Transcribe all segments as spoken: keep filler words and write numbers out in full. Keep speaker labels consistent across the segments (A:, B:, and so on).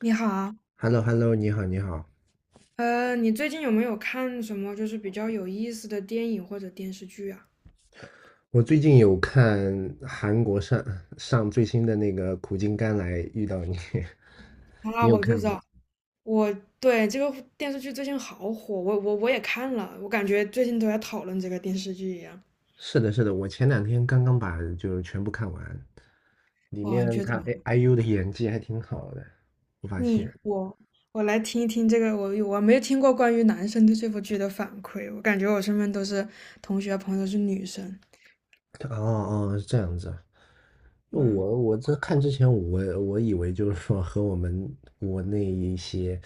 A: 你好啊。
B: H e l l o h e l l o 你好，你好。
A: 呃，你最近有没有看什么就是比较有意思的电影或者电视剧啊？
B: 我最近有看韩国上上最新的那个《苦尽甘来》，遇到你。
A: 啊，
B: 你有
A: 我就
B: 看
A: 知
B: 吗？
A: 道。我对这个电视剧最近好火，我我我也看了，我感觉最近都在讨论这个电视剧一样。
B: 是的，是的，我前两天刚刚把就全部看完，里
A: 哇，你
B: 面
A: 觉得
B: 他
A: 怎么？
B: 哎 I- IU 的演技还挺好的，我发现。
A: 你我我来听一听这个，我我没有听过关于男生对这部剧的反馈，我感觉我身边都是同学朋友是女生。
B: 哦哦，这样子啊。我
A: 嗯。
B: 我这看之前我我以为就是说和我们国内一些，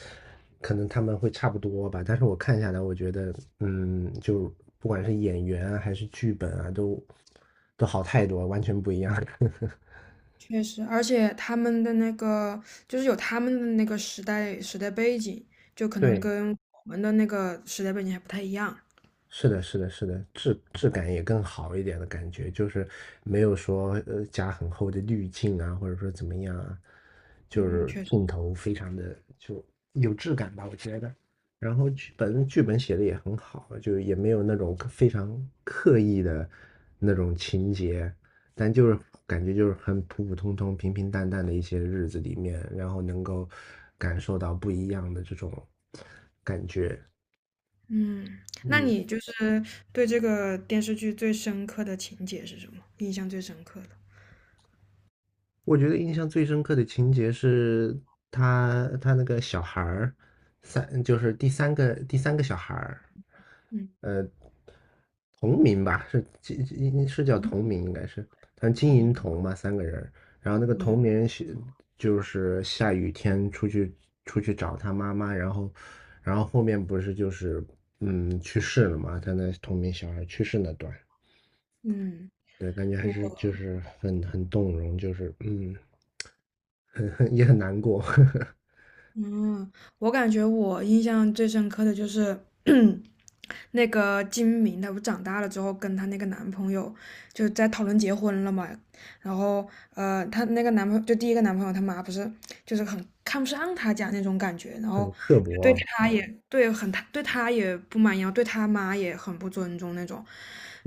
B: 可能他们会差不多吧，但是我看下来，我觉得，嗯，就不管是演员啊还是剧本啊，都都好太多，完全不一样。
A: 确实，而且他们的那个就是有他们的那个时代时代背景，就可能
B: 对，
A: 跟我们的那个时代背景还不太一样。
B: 是的，是的，是的，质质感也更好一点的感觉，就是没有说呃加很厚的滤镜啊，或者说怎么样啊，就
A: 嗯，
B: 是
A: 确实。
B: 镜头非常的就有质感吧，我觉得。然后剧本剧本写的也很好啊，就也没有那种刻非常刻意的那种情节，但就是感觉就是很普普通通、平平淡淡的一些日子里面，然后能够感受到不一样的这种感觉，
A: 嗯，那
B: 嗯。
A: 你就是对这个电视剧最深刻的情节是什么？印象最深刻的？
B: 我觉得印象最深刻的情节是他他那个小孩儿，三就是第三个第三个小孩儿，
A: 嗯，
B: 呃，同名吧，是经经是叫
A: 红
B: 同名应该是，他金
A: 红。
B: 银铜嘛，三个人儿，然后那个同
A: 嗯
B: 名是就是下雨天出去出去找他妈妈，然后然后后面不是就是嗯去世了嘛，他那同名小孩去世那段，
A: 嗯，
B: 对，感觉还
A: 我
B: 是就是很很动容，就是嗯。很很也很难过，
A: 嗯，我感觉我印象最深刻的就是那个金明她不长大了之后跟她那个男朋友就在讨论结婚了嘛，然后呃，她那个男朋友就第一个男朋友他妈不是就是很看不上她家那种感觉，然后
B: 很刻薄
A: 对
B: 啊。
A: 她也对很对她也不满意，然后对她妈也很不尊重那种，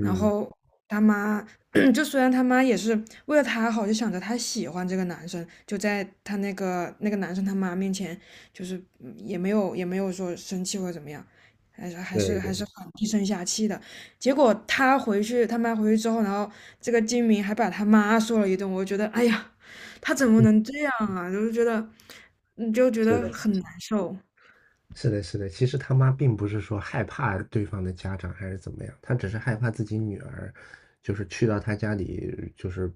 A: 然后他妈 就虽然他妈也是为了他好，就想着他喜欢这个男生，就在他那个那个男生他妈面前，就是嗯也没有也没有说生气或者怎么样，还是还是
B: 对
A: 还
B: 对，
A: 是很低声下气的。结果他回去，他妈回去之后，然后这个金明还把他妈说了一顿，我就觉得哎呀，他怎么
B: 对，
A: 能这样啊？就是觉得，嗯就觉
B: 是
A: 得
B: 的，是
A: 很
B: 的，
A: 难受。
B: 是的，是的。其实他妈并不是说害怕对方的家长还是怎么样，她只是害怕自己女儿，就是去到她家里就是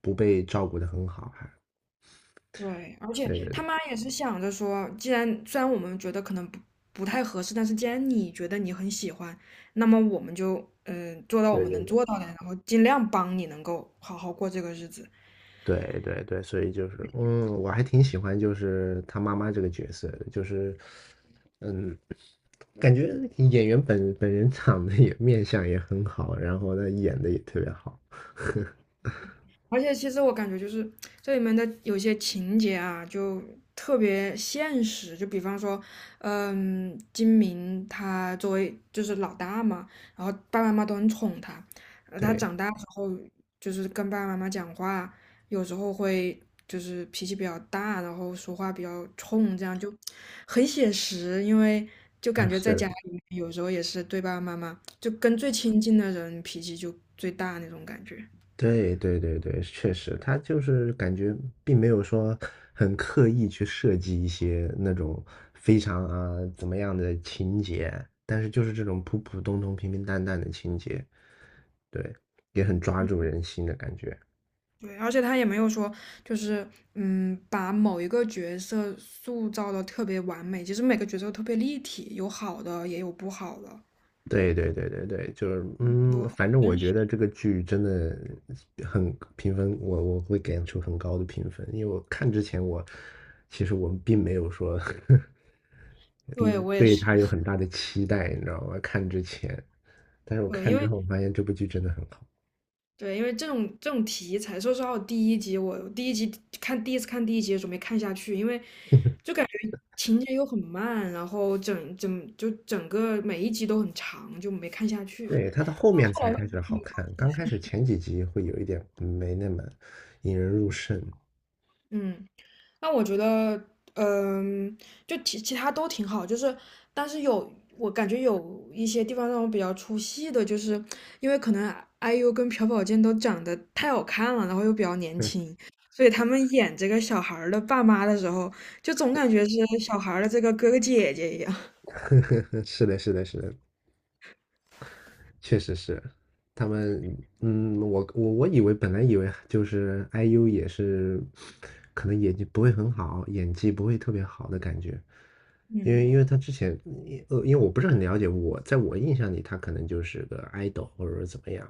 B: 不被照顾的很好，还
A: 对，而且
B: 对对
A: 他
B: 对。
A: 妈也是想着说，既然虽然我们觉得可能不不太合适，但是既然你觉得你很喜欢，那么我们就嗯、呃做到我
B: 对
A: 们
B: 对
A: 能
B: 对
A: 做到的，然后尽量帮你能够好好过这个日子。
B: 对对对，所以就是，嗯，我还挺喜欢就是她妈妈这个角色的，就是，嗯，感觉演员本本人长得也面相也很好，然后呢演的也特别好，
A: 而且其实我感觉就是这里面的有些情节啊，就特别现实。就比方说，嗯，金明他作为就是老大嘛，然后爸爸妈妈都很宠他，呃，他
B: 对。
A: 长大之后就是跟爸爸妈妈讲话，有时候会就是脾气比较大，然后说话比较冲，这样就很写实。因为就
B: 啊，
A: 感觉
B: 是
A: 在家
B: 的，
A: 里面有时候也是对爸爸妈妈，就跟最亲近的人脾气就最大那种感觉。
B: 对对对对，确实，他就是感觉并没有说很刻意去设计一些那种非常啊怎么样的情节，但是就是这种普普通通、平平淡淡的情节，对，也很抓住人心的感觉。
A: 对，而且他也没有说，就是嗯，把某一个角色塑造的特别完美。其实每个角色都特别立体，有好的，也有不好的，
B: 对对对对对，就是嗯，
A: 就很
B: 反正我
A: 真
B: 觉
A: 实。
B: 得这个剧真的很评分，我我会给出很高的评分，因为我看之前我其实我并没有说
A: 对，
B: 嗯
A: 我也
B: 对
A: 是。
B: 它有很大的期待，你知道吗？看之前，但是我
A: 对，
B: 看
A: 因
B: 之
A: 为
B: 后发现这部剧真的很好，
A: 对，因为这种这种题材，说实话，我第一集我第一集看第一次看第一集的时候没看下去，因为就感觉情节又很慢，然后整整就整个每一集都很长，就没看下去。
B: 对，它到后面
A: 后
B: 才
A: 来，
B: 开始好看，刚开始前几集会有一点没那么引人入胜。
A: 嗯。那我觉得，嗯，就其其他都挺好，就是，但是有我感觉有一些地方让我比较出戏的，就是因为可能 I U 跟朴宝剑都长得太好看了，然后又比较年轻，所以他们演这个小孩儿的爸妈的时候，就总感觉是小孩儿的这个哥哥姐姐一样。
B: 是的，是的，是的，确实是，他们，嗯，我我我以为本来以为就是 I U 也是，可能演技不会很好，演技不会特别好的感觉，因为
A: 嗯，
B: 因为他之前，呃，因为我不是很了解，我在我印象里他可能就是个 idol 或者说怎么样，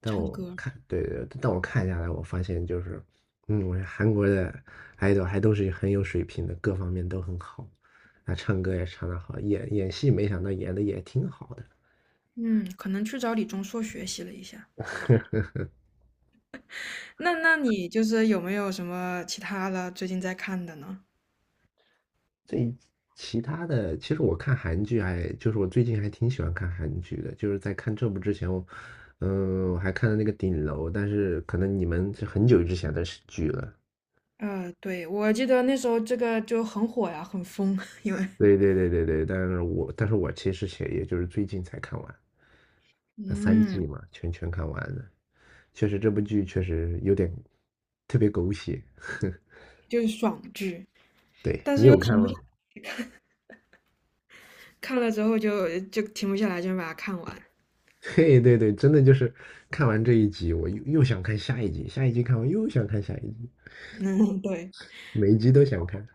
B: 但
A: 唱
B: 我
A: 歌。
B: 看，对对，但我看下来，我发现就是，嗯，我觉得韩国的 idol 还都是很有水平的，各方面都很好，啊，唱歌也唱得好，演演戏没想到演的也挺好的。
A: 嗯，可能去找李钟硕学习了一下。那那你就是有没有什么其他的最近在看的呢？
B: 这其他的，其实我看韩剧还，就是我最近还挺喜欢看韩剧的，就是在看这部之前，我，嗯，我还看了那个《顶楼》，但是可能你们是很久之前的剧了。
A: 呃，对，我记得那时候这个就很火呀，很疯。因为
B: 对对对对对，但是我但是我其实也也就是最近才看完，那三
A: 嗯
B: 季嘛，全全看完了。确实这部
A: 嗯
B: 剧确实有点特别狗血。
A: 就是爽剧，
B: 对，
A: 但
B: 你
A: 是又
B: 有看
A: 停不下，
B: 吗？
A: 看了之后就就停不下来，就把它看完。
B: 对对对，真的就是看完这一集，我又又想看下一集，下一集看完又想看下一集。
A: 嗯，对。
B: 每一集都想看。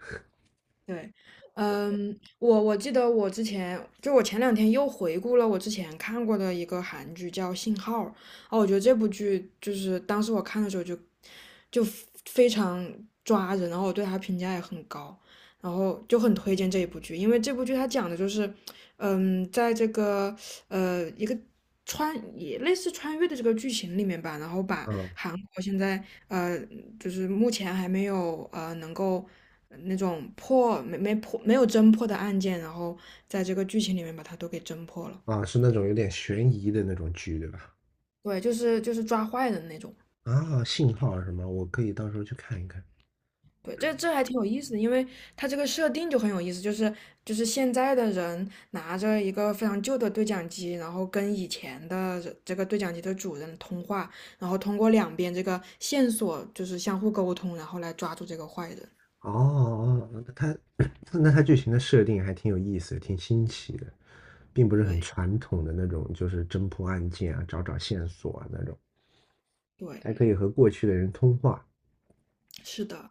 A: 对，嗯，我我记得我之前就我前两天又回顾了我之前看过的一个韩剧叫《信号》。啊，我觉得这部剧就是当时我看的时候就就非常抓人，然后我对它评价也很高，然后就很推荐这一部剧，因为这部剧它讲的就是，嗯，在这个呃一个穿也类似穿越的这个剧情里面吧，然后把
B: 嗯，
A: 韩国现在呃，就是目前还没有呃能够呃那种破没没破没有侦破的案件，然后在这个剧情里面把它都给侦破了。
B: 啊，是那种有点悬疑的那种剧，对吧？
A: 对，就是就是抓坏人那种。
B: 啊，信号什么，我可以到时候去看一看。
A: 对，这这还挺有意思的，因为它这个设定就很有意思，就是就是现在的人拿着一个非常旧的对讲机，然后跟以前的这这个对讲机的主人通话，然后通过两边这个线索就是相互沟通，然后来抓住这个坏人。
B: 哦哦，哦它 那它剧情的设定还挺有意思的挺新奇的，并不是很
A: 对
B: 传统的那种，就是侦破案件啊，找找线索啊那种。
A: 对，
B: 还可以和过去的人通话。
A: 是的。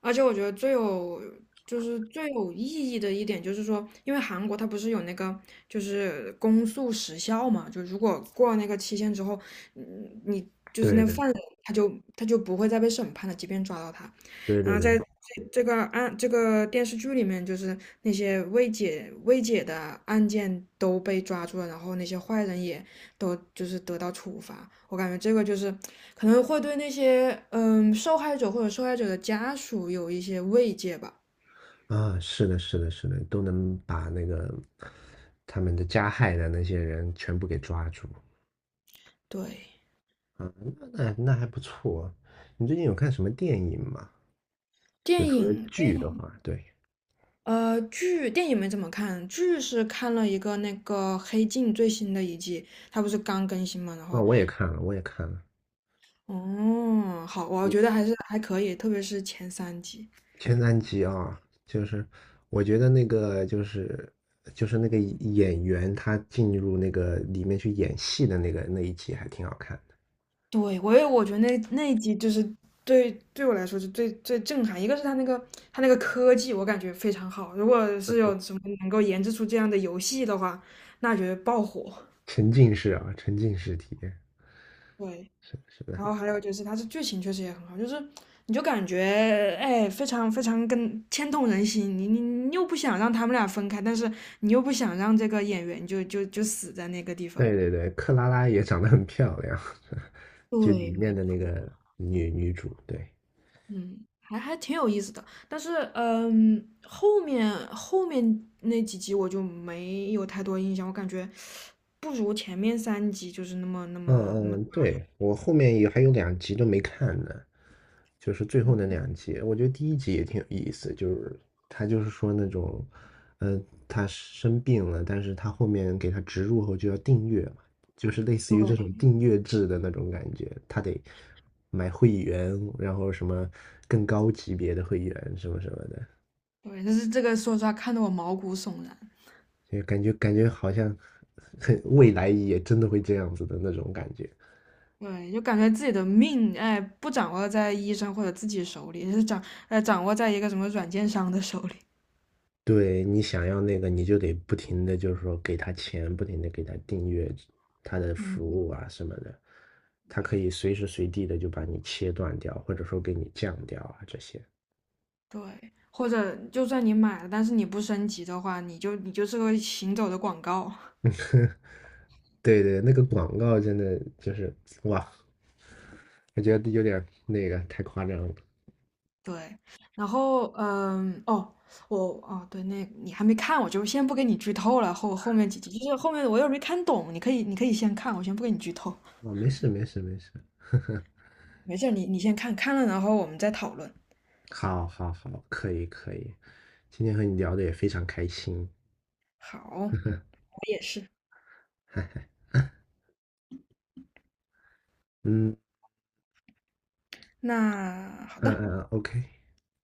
A: 而且我觉得最有就是最有意义的一点就是说，因为韩国它不是有那个就是公诉时效嘛，就如果过了那个期限之后，嗯，你就是
B: 对
A: 那
B: 的，
A: 犯人他就他就不会再被审判了，即便抓到他。
B: 对
A: 然
B: 对
A: 后
B: 对，
A: 在这个案这个电视剧里面，就是那些未解未解的案件都被抓住了，然后那些坏人也都就是得到处罚。我感觉这个就是可能会对那些嗯受害者或者受害者的家属有一些慰藉吧。
B: 啊，是的，是的，是的，都能把那个他们的加害的那些人全部给抓住。
A: 对。
B: 啊，那那那还不错。你最近有看什么电影吗？就
A: 电
B: 除了
A: 影
B: 剧的话，对，
A: 呃剧电影没怎么看，剧是看了一个那个《黑镜》最新的一季，它不是刚更新嘛。然
B: 啊、
A: 后
B: 我也看了，我也看了，
A: 哦好，我
B: 你
A: 觉得还是还可以，特别是前三集。
B: 前三集啊，就是我觉得那个就是就是那个演员他进入那个里面去演戏的那个那一集还挺好看的，
A: 对，我也我觉得那那一集就是对对我来说是最最震撼，一个是他那个他那个科技，我感觉非常好。如果是有什么能够研制出这样的游戏的话，那绝对爆火。
B: 沉浸式啊，沉浸式体验，
A: 对，
B: 是的是的，
A: 然后还有就是它的剧情确实也很好，就是你就感觉哎非常非常跟牵动人心，你你你又不想让他们俩分开，但是你又不想让这个演员就就就死在那个地方。
B: 对对对，克拉拉也长得很漂亮，就
A: 对，
B: 里面
A: 没
B: 的那
A: 错。
B: 个女女主，对，
A: 嗯，还还挺有意思的，但是嗯，后面后面那几集我就没有太多印象，我感觉不如前面三集就是那么那么那
B: 嗯
A: 么，
B: 嗯，对，我后面也还有两集都没看呢，就是最后
A: 嗯，
B: 那两集，我觉得第一集也挺有意思，就是他就是说那种，呃，他生病了，但是他后面给他植入后就要订阅嘛，就是类似于这
A: 对
B: 种订阅制的那种感觉，他得买会员，然后什么更高级别的会员什么什么的，
A: 对，但是这个说实话看得我毛骨悚然。
B: 就感觉感觉好像很未来也真的会这样子的那种感觉。
A: 对，就感觉自己的命哎不掌握在医生或者自己手里，是掌呃掌握在一个什么软件商的手里。
B: 对，你想要那个，你就得不停的，就是说给他钱，不停的给他订阅他的
A: 嗯，
B: 服务啊什么的，他可以随时随地的就把你切断掉，或者说给你降掉啊这些。
A: 对。或者就算你买了，但是你不升级的话，你就你就是个行走的广告。
B: 对对，那个广告真的就是哇，我觉得有点那个太夸张了。
A: 对，然后嗯，哦，我哦，对，那你还没看，我就先不给你剧透了。后后面几集，就是后面我又没看懂，你可以你可以先看，我先不给你剧透。
B: 哦，没事没事没事，
A: 没事儿，你你先看看了，然后我们再讨论。
B: 好，好，好，可以可以，今天和你聊的也非常开心。
A: 好，我也是。
B: 嗯
A: 那好
B: 嗯
A: 的。
B: 嗯嗯，OK。